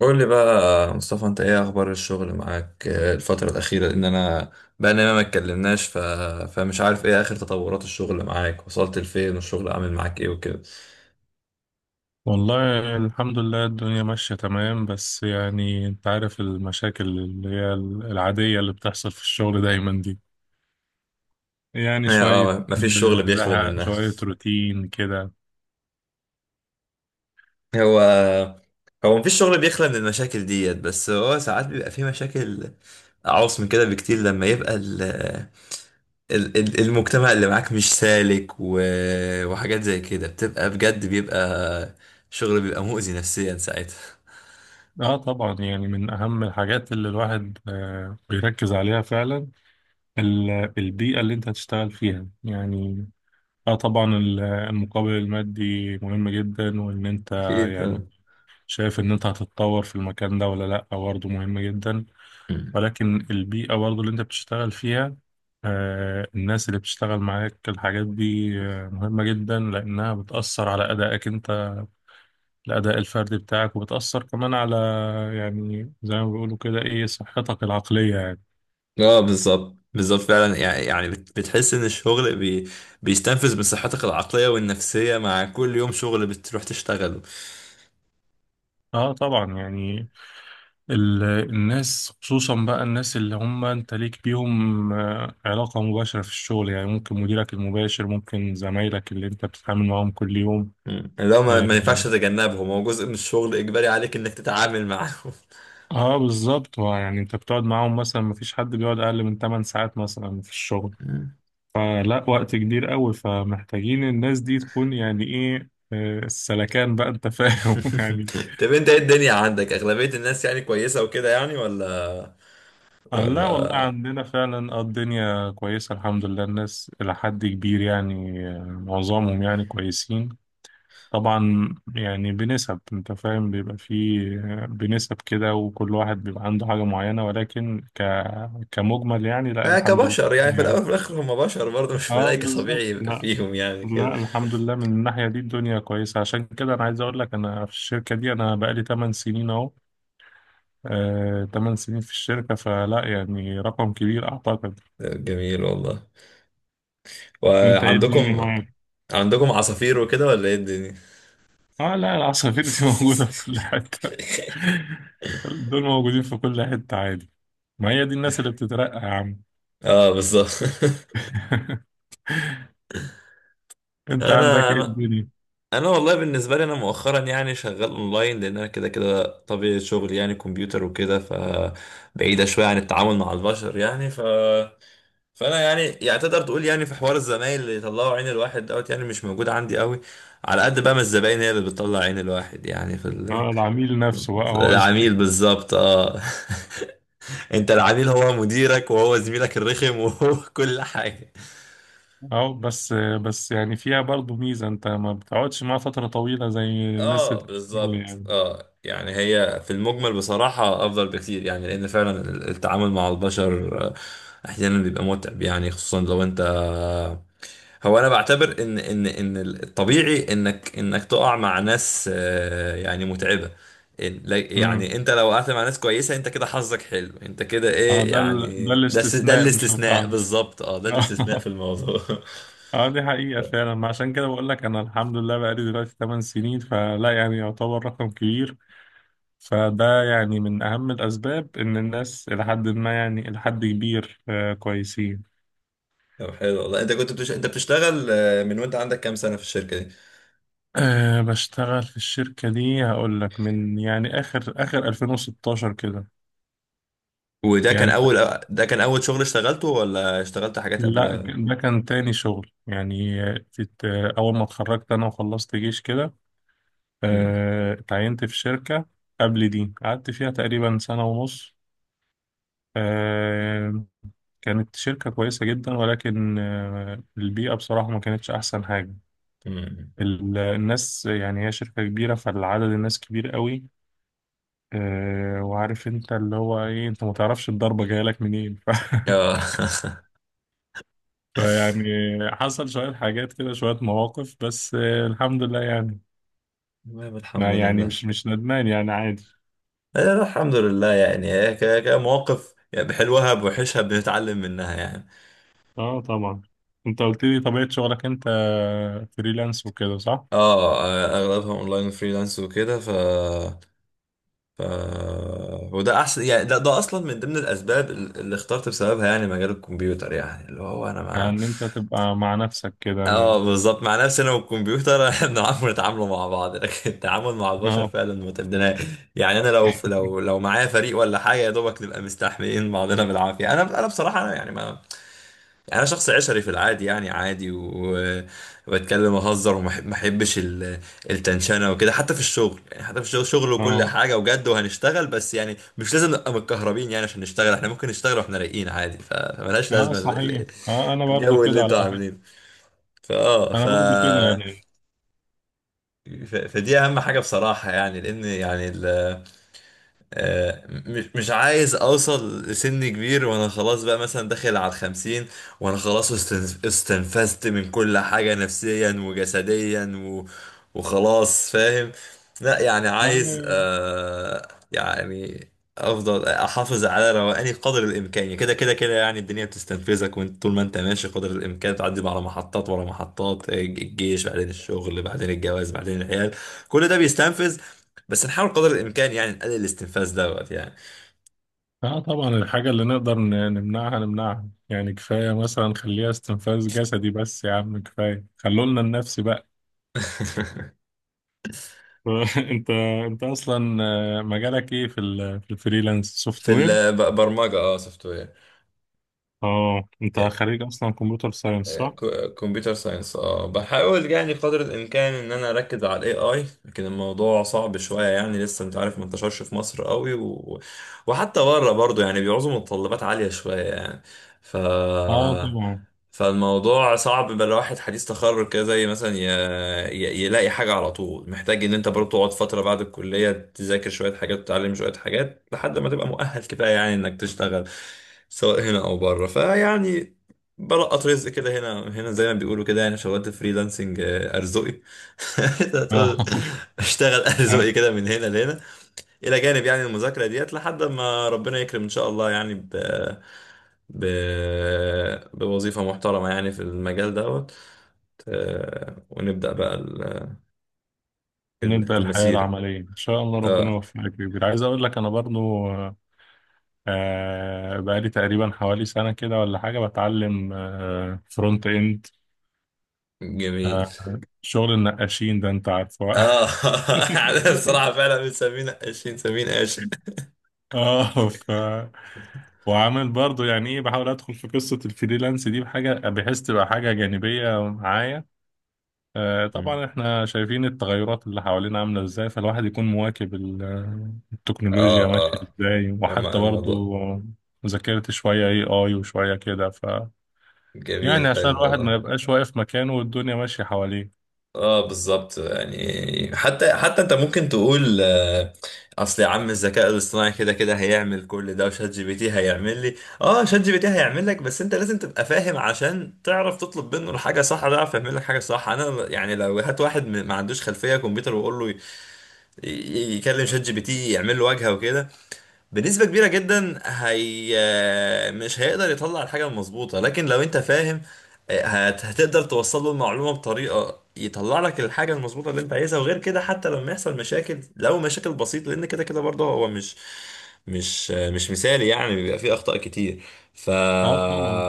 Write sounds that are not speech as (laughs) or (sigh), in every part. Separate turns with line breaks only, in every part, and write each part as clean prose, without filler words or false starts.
قول لي بقى مصطفى، انت ايه اخبار الشغل معاك الفترة الأخيرة؟ لأن انا بقى لنا ما اتكلمناش فمش عارف ايه اخر تطورات الشغل معاك، وصلت لفين والشغل عامل معاك ايه وكده.
والله الحمد لله، الدنيا ماشية تمام. بس يعني انت عارف المشاكل اللي هي العادية اللي بتحصل في الشغل دايما دي. يعني
هي
شوية
اه، مفيش شغل بيخلى
زهق،
منها.
شوية روتين كده.
(laughs) هو هو مفيش شغل بيخلى من المشاكل ديت، بس هو ساعات بيبقى فيه مشاكل أعوص من كده بكتير، لما يبقى المجتمع اللي معاك مش سالك وحاجات زي كده، بتبقى بجد بيبقى شغل، بيبقى مؤذي نفسيا ساعتها.
اه طبعا، يعني من أهم الحاجات اللي الواحد بيركز عليها فعلا البيئة اللي انت هتشتغل فيها يعني. اه طبعا، المقابل المادي مهم جدا، وان انت
اكيد
يعني
اه.
شايف ان انت هتتطور في المكان ده ولا لا برضه مهم جدا.
مم.
ولكن البيئة برضه اللي انت بتشتغل فيها، الناس اللي بتشتغل معاك، الحاجات دي مهمة جدا لأنها بتأثر على أدائك انت، الأداء الفردي بتاعك، وبتأثر كمان على يعني زي ما بيقولوا كده ايه، صحتك العقلية يعني.
اه بالظبط بالظبط فعلا، يعني يعني بتحس ان الشغل بيستنفذ من صحتك العقليه والنفسيه مع كل يوم شغل بتروح تشتغله.
اه طبعا يعني الناس، خصوصا بقى الناس اللي هم انت ليك بيهم علاقة مباشرة في الشغل، يعني ممكن مديرك المباشر، ممكن زمايلك اللي انت بتتعامل معاهم كل يوم.
مم. اللي هو ما,
آه،
ما ينفعش تتجنبهم، هو جزء من الشغل، اجباري عليك انك تتعامل معاهم.
اه بالظبط. ما يعني انت بتقعد معاهم مثلا، مفيش حد بيقعد اقل من 8 ساعات مثلا في الشغل،
مم.
فلا وقت كبير قوي. فمحتاجين الناس دي تكون يعني ايه، السلكان بقى، انت فاهم (laughs)
(laughs)
يعني.
طب انت ايه الدنيا عندك؟ اغلبيه الناس يعني كويسه وكده يعني ولا
آه لا والله،
ولا
عندنا فعلا الدنيا كويسة الحمد لله. الناس إلى حد كبير يعني معظمهم يعني كويسين. طبعا يعني بنسب، انت فاهم، بيبقى فيه بنسب كده، وكل واحد بيبقى عنده حاجة معينة، ولكن كمجمل يعني، لا
آه،
الحمد لله.
كبشر يعني في الاول
يعني.
وفي الاخر هم بشر برضه، مش
اه
ملائكه،
بالظبط.
طبيعي يبقى
لا،
فيهم يعني كده.
لا الحمد لله من الناحية دي الدنيا كويسة. عشان كده أنا عايز أقول لك، أنا في الشركة دي أنا بقالي 8 سنين أهو. آه، 8 سنين في الشركة، فلا يعني رقم كبير أعتقد.
آه، جميل والله.
أنت إيه الدنيا
وعندكم،
معاك؟
عندكم عصافير وكده ولا ايه الدنيا؟
اه لا، العصافير دي (laughs) موجودة في كل حتة.
(laughs)
دول موجودين في كل حتة عادي. ما هي دي الناس اللي بتترقى يا عم.
اه بالظبط. (laughs)
(laughs) أنت عندك
انا
إيه
انا
الدنيا؟
انا والله بالنسبه لي انا مؤخرا يعني شغال اونلاين، لان انا كده كده طبيعه شغلي يعني كمبيوتر وكده، فبعيده شويه عن التعامل مع البشر يعني فانا يعني يعني تقدر تقول يعني في حوار الزمايل اللي يطلعوا عين الواحد دوت يعني مش موجود عندي قوي، على قد بقى ما الزباين هي اللي بتطلع عين الواحد يعني في
اه، العميل نفسه بقى هو اللي…
العميل بالظبط اه. (laughs) انت العميل هو مديرك، وهو زميلك الرخم، وهو (laughs) كل حاجة.
اه، بس يعني فيها برضو ميزة، انت ما بتقعدش معاها فترة طويلة زي الناس
اه
اللي في الشغل
بالظبط
يعني.
اه، يعني هي في المجمل بصراحة افضل بكتير يعني، لان فعلا التعامل مع البشر احيانا بيبقى متعب يعني، خصوصا لو انت، هو انا بعتبر ان الطبيعي انك انك تقع مع ناس يعني متعبة.
امم
يعني انت لو وقعت مع ناس كويسة، انت كده حظك حلو، انت كده
اه،
ايه
ده ده
يعني، ده ده
الاستثناء مش
الاستثناء
القاعدة.
بالظبط، اه ده الاستثناء في
(laughs)
الموضوع. (laughs)
اه دي حقيقة فعلا. ما عشان كده بقول لك، انا الحمد لله بقالي دلوقتي 8 سنين، فلا يعني يعتبر رقم كبير. فده يعني من اهم الاسباب، ان الناس الى حد ما، يعني الى حد كبير آه كويسين.
طب حلو والله، انت كنت انت بتشتغل من وانت عندك كام سنة في الشركة دي؟
أه، بشتغل في الشركة دي هقول لك من يعني آخر 2016 كده
وده كان
يعني.
اول، ده كان اول شغل اشتغلته ولا اشتغلت حاجات
لا
قبلها؟
ده كان تاني شغل يعني. كنت أول ما اتخرجت أنا وخلصت جيش كده
مم.
اتعينت في شركة قبل دي، قعدت فيها تقريبا سنة ونص. آه، كانت شركة كويسة جدا، ولكن البيئة بصراحة ما كانتش أحسن حاجة.
مم.
الناس يعني، هي شركة كبيرة فالعدد الناس كبير قوي. وعارف انت اللي هو ايه، انت ما تعرفش الضربة جاية لك منين (laughs)
اه. (laughs)
فيعني حصل شوية حاجات كده، شوية مواقف، بس الحمد لله يعني.
تمام الحمد
لا يعني
لله.
مش ندمان، يعني عادي.
آه، الحمد لله، يعني هي كمواقف يعني بحلوها بوحشها بنتعلم منها يعني.
اه طبعا. انت قلت لي طبيعة شغلك انت فريلانس وكده صح؟
اه، آه، اغلبها اونلاين فريلانس وكده ف ف وده احسن يعني، ده اصلا من ضمن الاسباب اللي اخترت بسببها يعني مجال الكمبيوتر يعني، اللي هو انا
يعني
ما.
ان انت تبقى مع نفسك كده
اه بالظبط، مع نفسنا والكمبيوتر. (laughs) احنا بنعرف نتعاملوا مع بعض، لكن التعامل مع البشر
اه.
فعلا متبناه يعني. انا لو معايا فريق ولا حاجه، يا دوبك نبقى مستحملين بعضنا بالعافيه. انا بصراحه انا يعني ما، يعني انا شخص عشري في العادي يعني، عادي و، وبتكلم واهزر، ما احبش التنشنه وكده، حتى في الشغل يعني، حتى في الشغل، شغل وكل
اه،
حاجه وجد وهنشتغل، بس يعني مش لازم نبقى متكهربين يعني عشان نشتغل، احنا ممكن نشتغل واحنا رايقين عادي، فملهاش
اه
لازمه
صحيح، اه انا برضو
الجو اللي
كده على
انتوا
فكرة.
عاملينه. فاه
انا
ف...
برضو كده يعني.
فدي اهم حاجه بصراحه يعني، لان يعني آه، مش عايز اوصل لسن كبير وانا خلاص بقى مثلا داخل على الخمسين، وانا خلاص استنفذت من كل حاجة نفسيا وجسديا وخلاص، فاهم. لا يعني عايز
اه.
آه يعني افضل احافظ على روقاني قدر الامكان يعني، كده كده كده يعني الدنيا بتستنفذك، وانت طول ما انت ماشي قدر الامكان تعدي على محطات ورا محطات، الجيش، بعدين الشغل، بعدين الجواز، بعدين العيال، كل ده بيستنفذ، بس نحاول قدر الامكان يعني نقلل الاستنفاذ دوت يعني.
طبعا الحاجة اللي نقدر نمنعها نمنعها، يعني كفاية مثلا خليها استنفاذ جسدي بس يا عم، كفاية خلولنا النفسي بقى.
(laughs)
(laughs) انت انت اصلا مجالك ايه في في الفريلانس، سوفت
في
وير؟
البرمجه، اه سوفت وير.
اه انت خريج اصلا كمبيوتر ساينس صح؟
كمبيوتر ساينس اه، بحاول يعني بقدر الامكان ان انا اركز على الاي اي، لكن الموضوع صعب شويه يعني، لسه انت عارف ما انتشرش في مصر قوي وحتى بره برضو يعني بيعوزوا متطلبات عاليه شويه يعني. ف
اه طبعا.
فالموضوع صعب، بقى الواحد حديث تخرج كده زي مثلا يلاقي حاجه على طول، محتاج ان انت برضو تقعد فتره بعد الكليه تذاكر شويه حاجات وتتعلم شويه حاجات لحد ما تبقى مؤهل كفايه يعني انك تشتغل سواء هنا او بره، فيعني بلقط رزق كده هنا هنا زي ما بيقولوا كده يعني، شغلت فريلانسنج آه، ارزقي. (laughs)
اه.
تقول
(laughs)
اشتغل
آه،
ارزقي كده من هنا لهنا، الى جانب يعني المذاكره ديت، لحد ما ربنا يكرم ان شاء الله يعني ب... بوظيفه محترمه يعني في المجال دوت، ونبدا بقى
نبدأ الحياة
المسيره.
العملية إن شاء الله، ربنا
اه
يوفقك يا كبير. عايز أقول لك أنا برضو بقالي تقريبا حوالي سنة كده ولا حاجة بتعلم فرونت إند،
جميل،
شغل النقاشين ده أنت عارفه.
اه. (laughs) احنا
(laughs)
بصراحه فعلا بنسمينا قاشين، سمين قاش.
اه ف. وعامل برضو يعني إيه، بحاول أدخل في قصة الفريلانس دي بحاجة بحيث تبقى حاجة جانبية معايا.
مم.
طبعا احنا شايفين التغيرات اللي حوالينا عاملة ازاي، فالواحد يكون مواكب التكنولوجيا
اه
ماشية
اه،
ازاي، وحتى
مع الموضوع.
برضو ذاكرت شوية اي اي وشوية كده ف.
جميل
يعني عشان
حلو
الواحد
والله.
ما يبقاش واقف مكانه والدنيا ماشية حواليه.
اه بالظبط، يعني حتى حتى انت ممكن تقول آه، اصل يا عم الذكاء الاصطناعي كده كده هيعمل كل ده، وشات جي بي تي هيعمل لي، اه شات جي بي تي هيعمل لك، بس انت لازم تبقى فاهم عشان تعرف تطلب منه الحاجه صح، ده يعرف يعمل لك حاجه صح. انا يعني لو هات واحد ما عندوش خلفيه كمبيوتر وقول له يكلم شات جي بي تي يعمل له واجهه وكده، بنسبة كبيرة جدا هي مش هيقدر يطلع الحاجة المظبوطة، لكن لو انت فاهم هتقدر توصل له المعلومة بطريقة يطلع لك الحاجة المظبوطة اللي انت عايزها. وغير كده، حتى لما يحصل مشاكل، لو مشاكل بسيطة، لان كده كده برضه هو مش مثالي يعني، بيبقى فيه اخطاء كتير. ف
اه طبعا.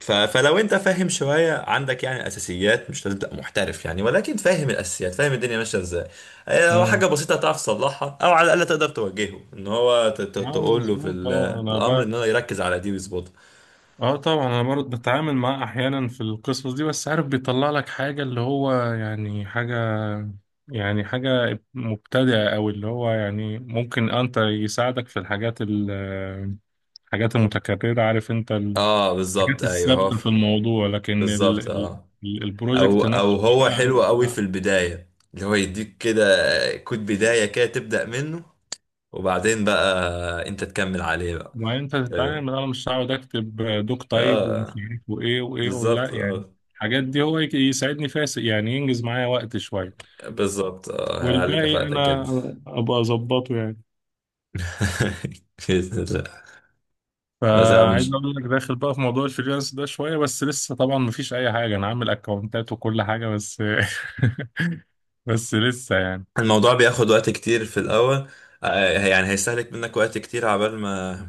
فلو انت فاهم شوية، عندك يعني اساسيات، مش لازم تبقى محترف يعني، ولكن فاهم الاساسيات فاهم الدنيا ماشية ازاي، هي هو حاجة
امم،
بسيطة هتعرف تصلحها، أو على الأقل تقدر توجهه إن هو
اه
تقول له
مظبوط. اه
في
انا.
الأمر إن هو يركز على دي ويظبطها.
اه طبعا، انا برضه بتعامل معاه احيانا في القصص دي، بس عارف بيطلع لك حاجه اللي هو يعني حاجه، يعني حاجه مبتدئه، او اللي هو يعني ممكن انت يساعدك في الحاجات الحاجات المتكرره، عارف انت
أه بالظبط
الحاجات
أيوه،
الثابته في الموضوع. لكن
بالظبط أه. أو
البروجكت
أو
نفسه
هو
بقى
حلو أوي في
انت،
البداية، اللي هو يديك كده كود بداية كده تبدأ منه، وبعدين بقى أنت تكمل عليه بقى.
ما انت
أه،
تتعامل، انا مش هقعد اكتب دوك تايب ومش
آه،
عارف وايه وايه ولا
بالظبط
يعني.
أه.
الحاجات دي هو يساعدني فيها يعني، ينجز معايا وقت شويه،
بالظبط أه، هيعلي
والباقي
كفاءتك جدا.
انا ابقى اظبطه يعني.
(laughs) بإذن الله. بس يا عم
فعايز اقول لك، داخل بقى في موضوع الفريلانس ده شويه، بس لسه طبعا مفيش اي حاجه، انا عامل اكونتات وكل حاجه، بس (laughs) بس لسه يعني.
الموضوع بياخد وقت كتير في الأول، آه، يعني هيستهلك منك وقت كتير عبال ما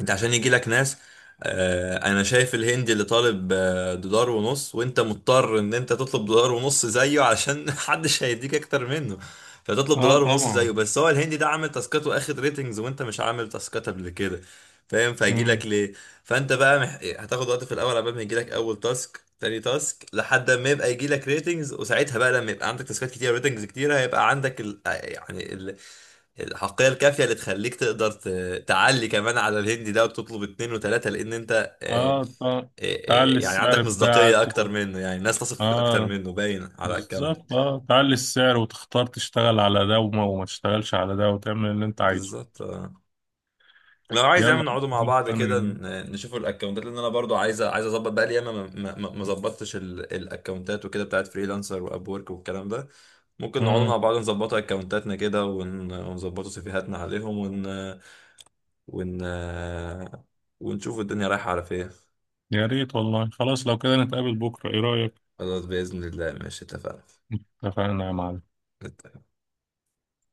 انت عشان يجي لك ناس. آه، انا شايف الهندي اللي طالب دولار ونص، وانت مضطر ان انت تطلب دولار ونص زيه، علشان (laughs) محدش هيديك اكتر منه، فتطلب
اه
دولار ونص زيه.
طبعا.
بس هو الهندي ده عامل تاسكات واخد ريتنجز، وانت مش عامل تاسكات قبل كده، فاهم، فهيجي لك
مم.
ليه؟ فانت بقى هتاخد وقت في الاول، قبل ما يجي لك اول تاسك تاني تاسك، لحد ما يبقى يجي لك ريتنجز. وساعتها بقى، لما يبقى عندك تاسكات كتير ريتنجز كتير، هيبقى عندك يعني الحقية الكافية اللي تخليك تقدر تعلي كمان على الهندي ده وتطلب اتنين وتلاتة، لأن أنت
اه تعلي
يعني
السعر
عندك مصداقية
بتاعك
أكتر منه، يعني الناس تثق فيك أكتر
اه
منه باين على أكونت.
بالظبط، اه تعلي السعر، وتختار تشتغل على ده وما تشتغلش على ده، وتعمل اللي انت عايزه.
بالظبط آه. لو عايز يعني
يلا.
نقعدوا مع بعض
انا
كده
جميل.
نشوفوا الأكونتات، لأن أنا برضو عايز، عايز أظبط بقى لي، ياما ما ما ظبطتش الأكونتات وكده بتاعت فريلانسر وأب وورك والكلام ده. ممكن نقعدوا
مم.
مع بعض نظبطوا أكونتاتنا كده ونظبطوا سيفيهاتنا عليهم ون ون ونشوف الدنيا رايحة على فين.
يا ريت والله. خلاص لو كده نتقابل بكره، ايه رايك؟
خلاص بإذن الله، ماشي اتفقنا.
اتفقنا يا معلم.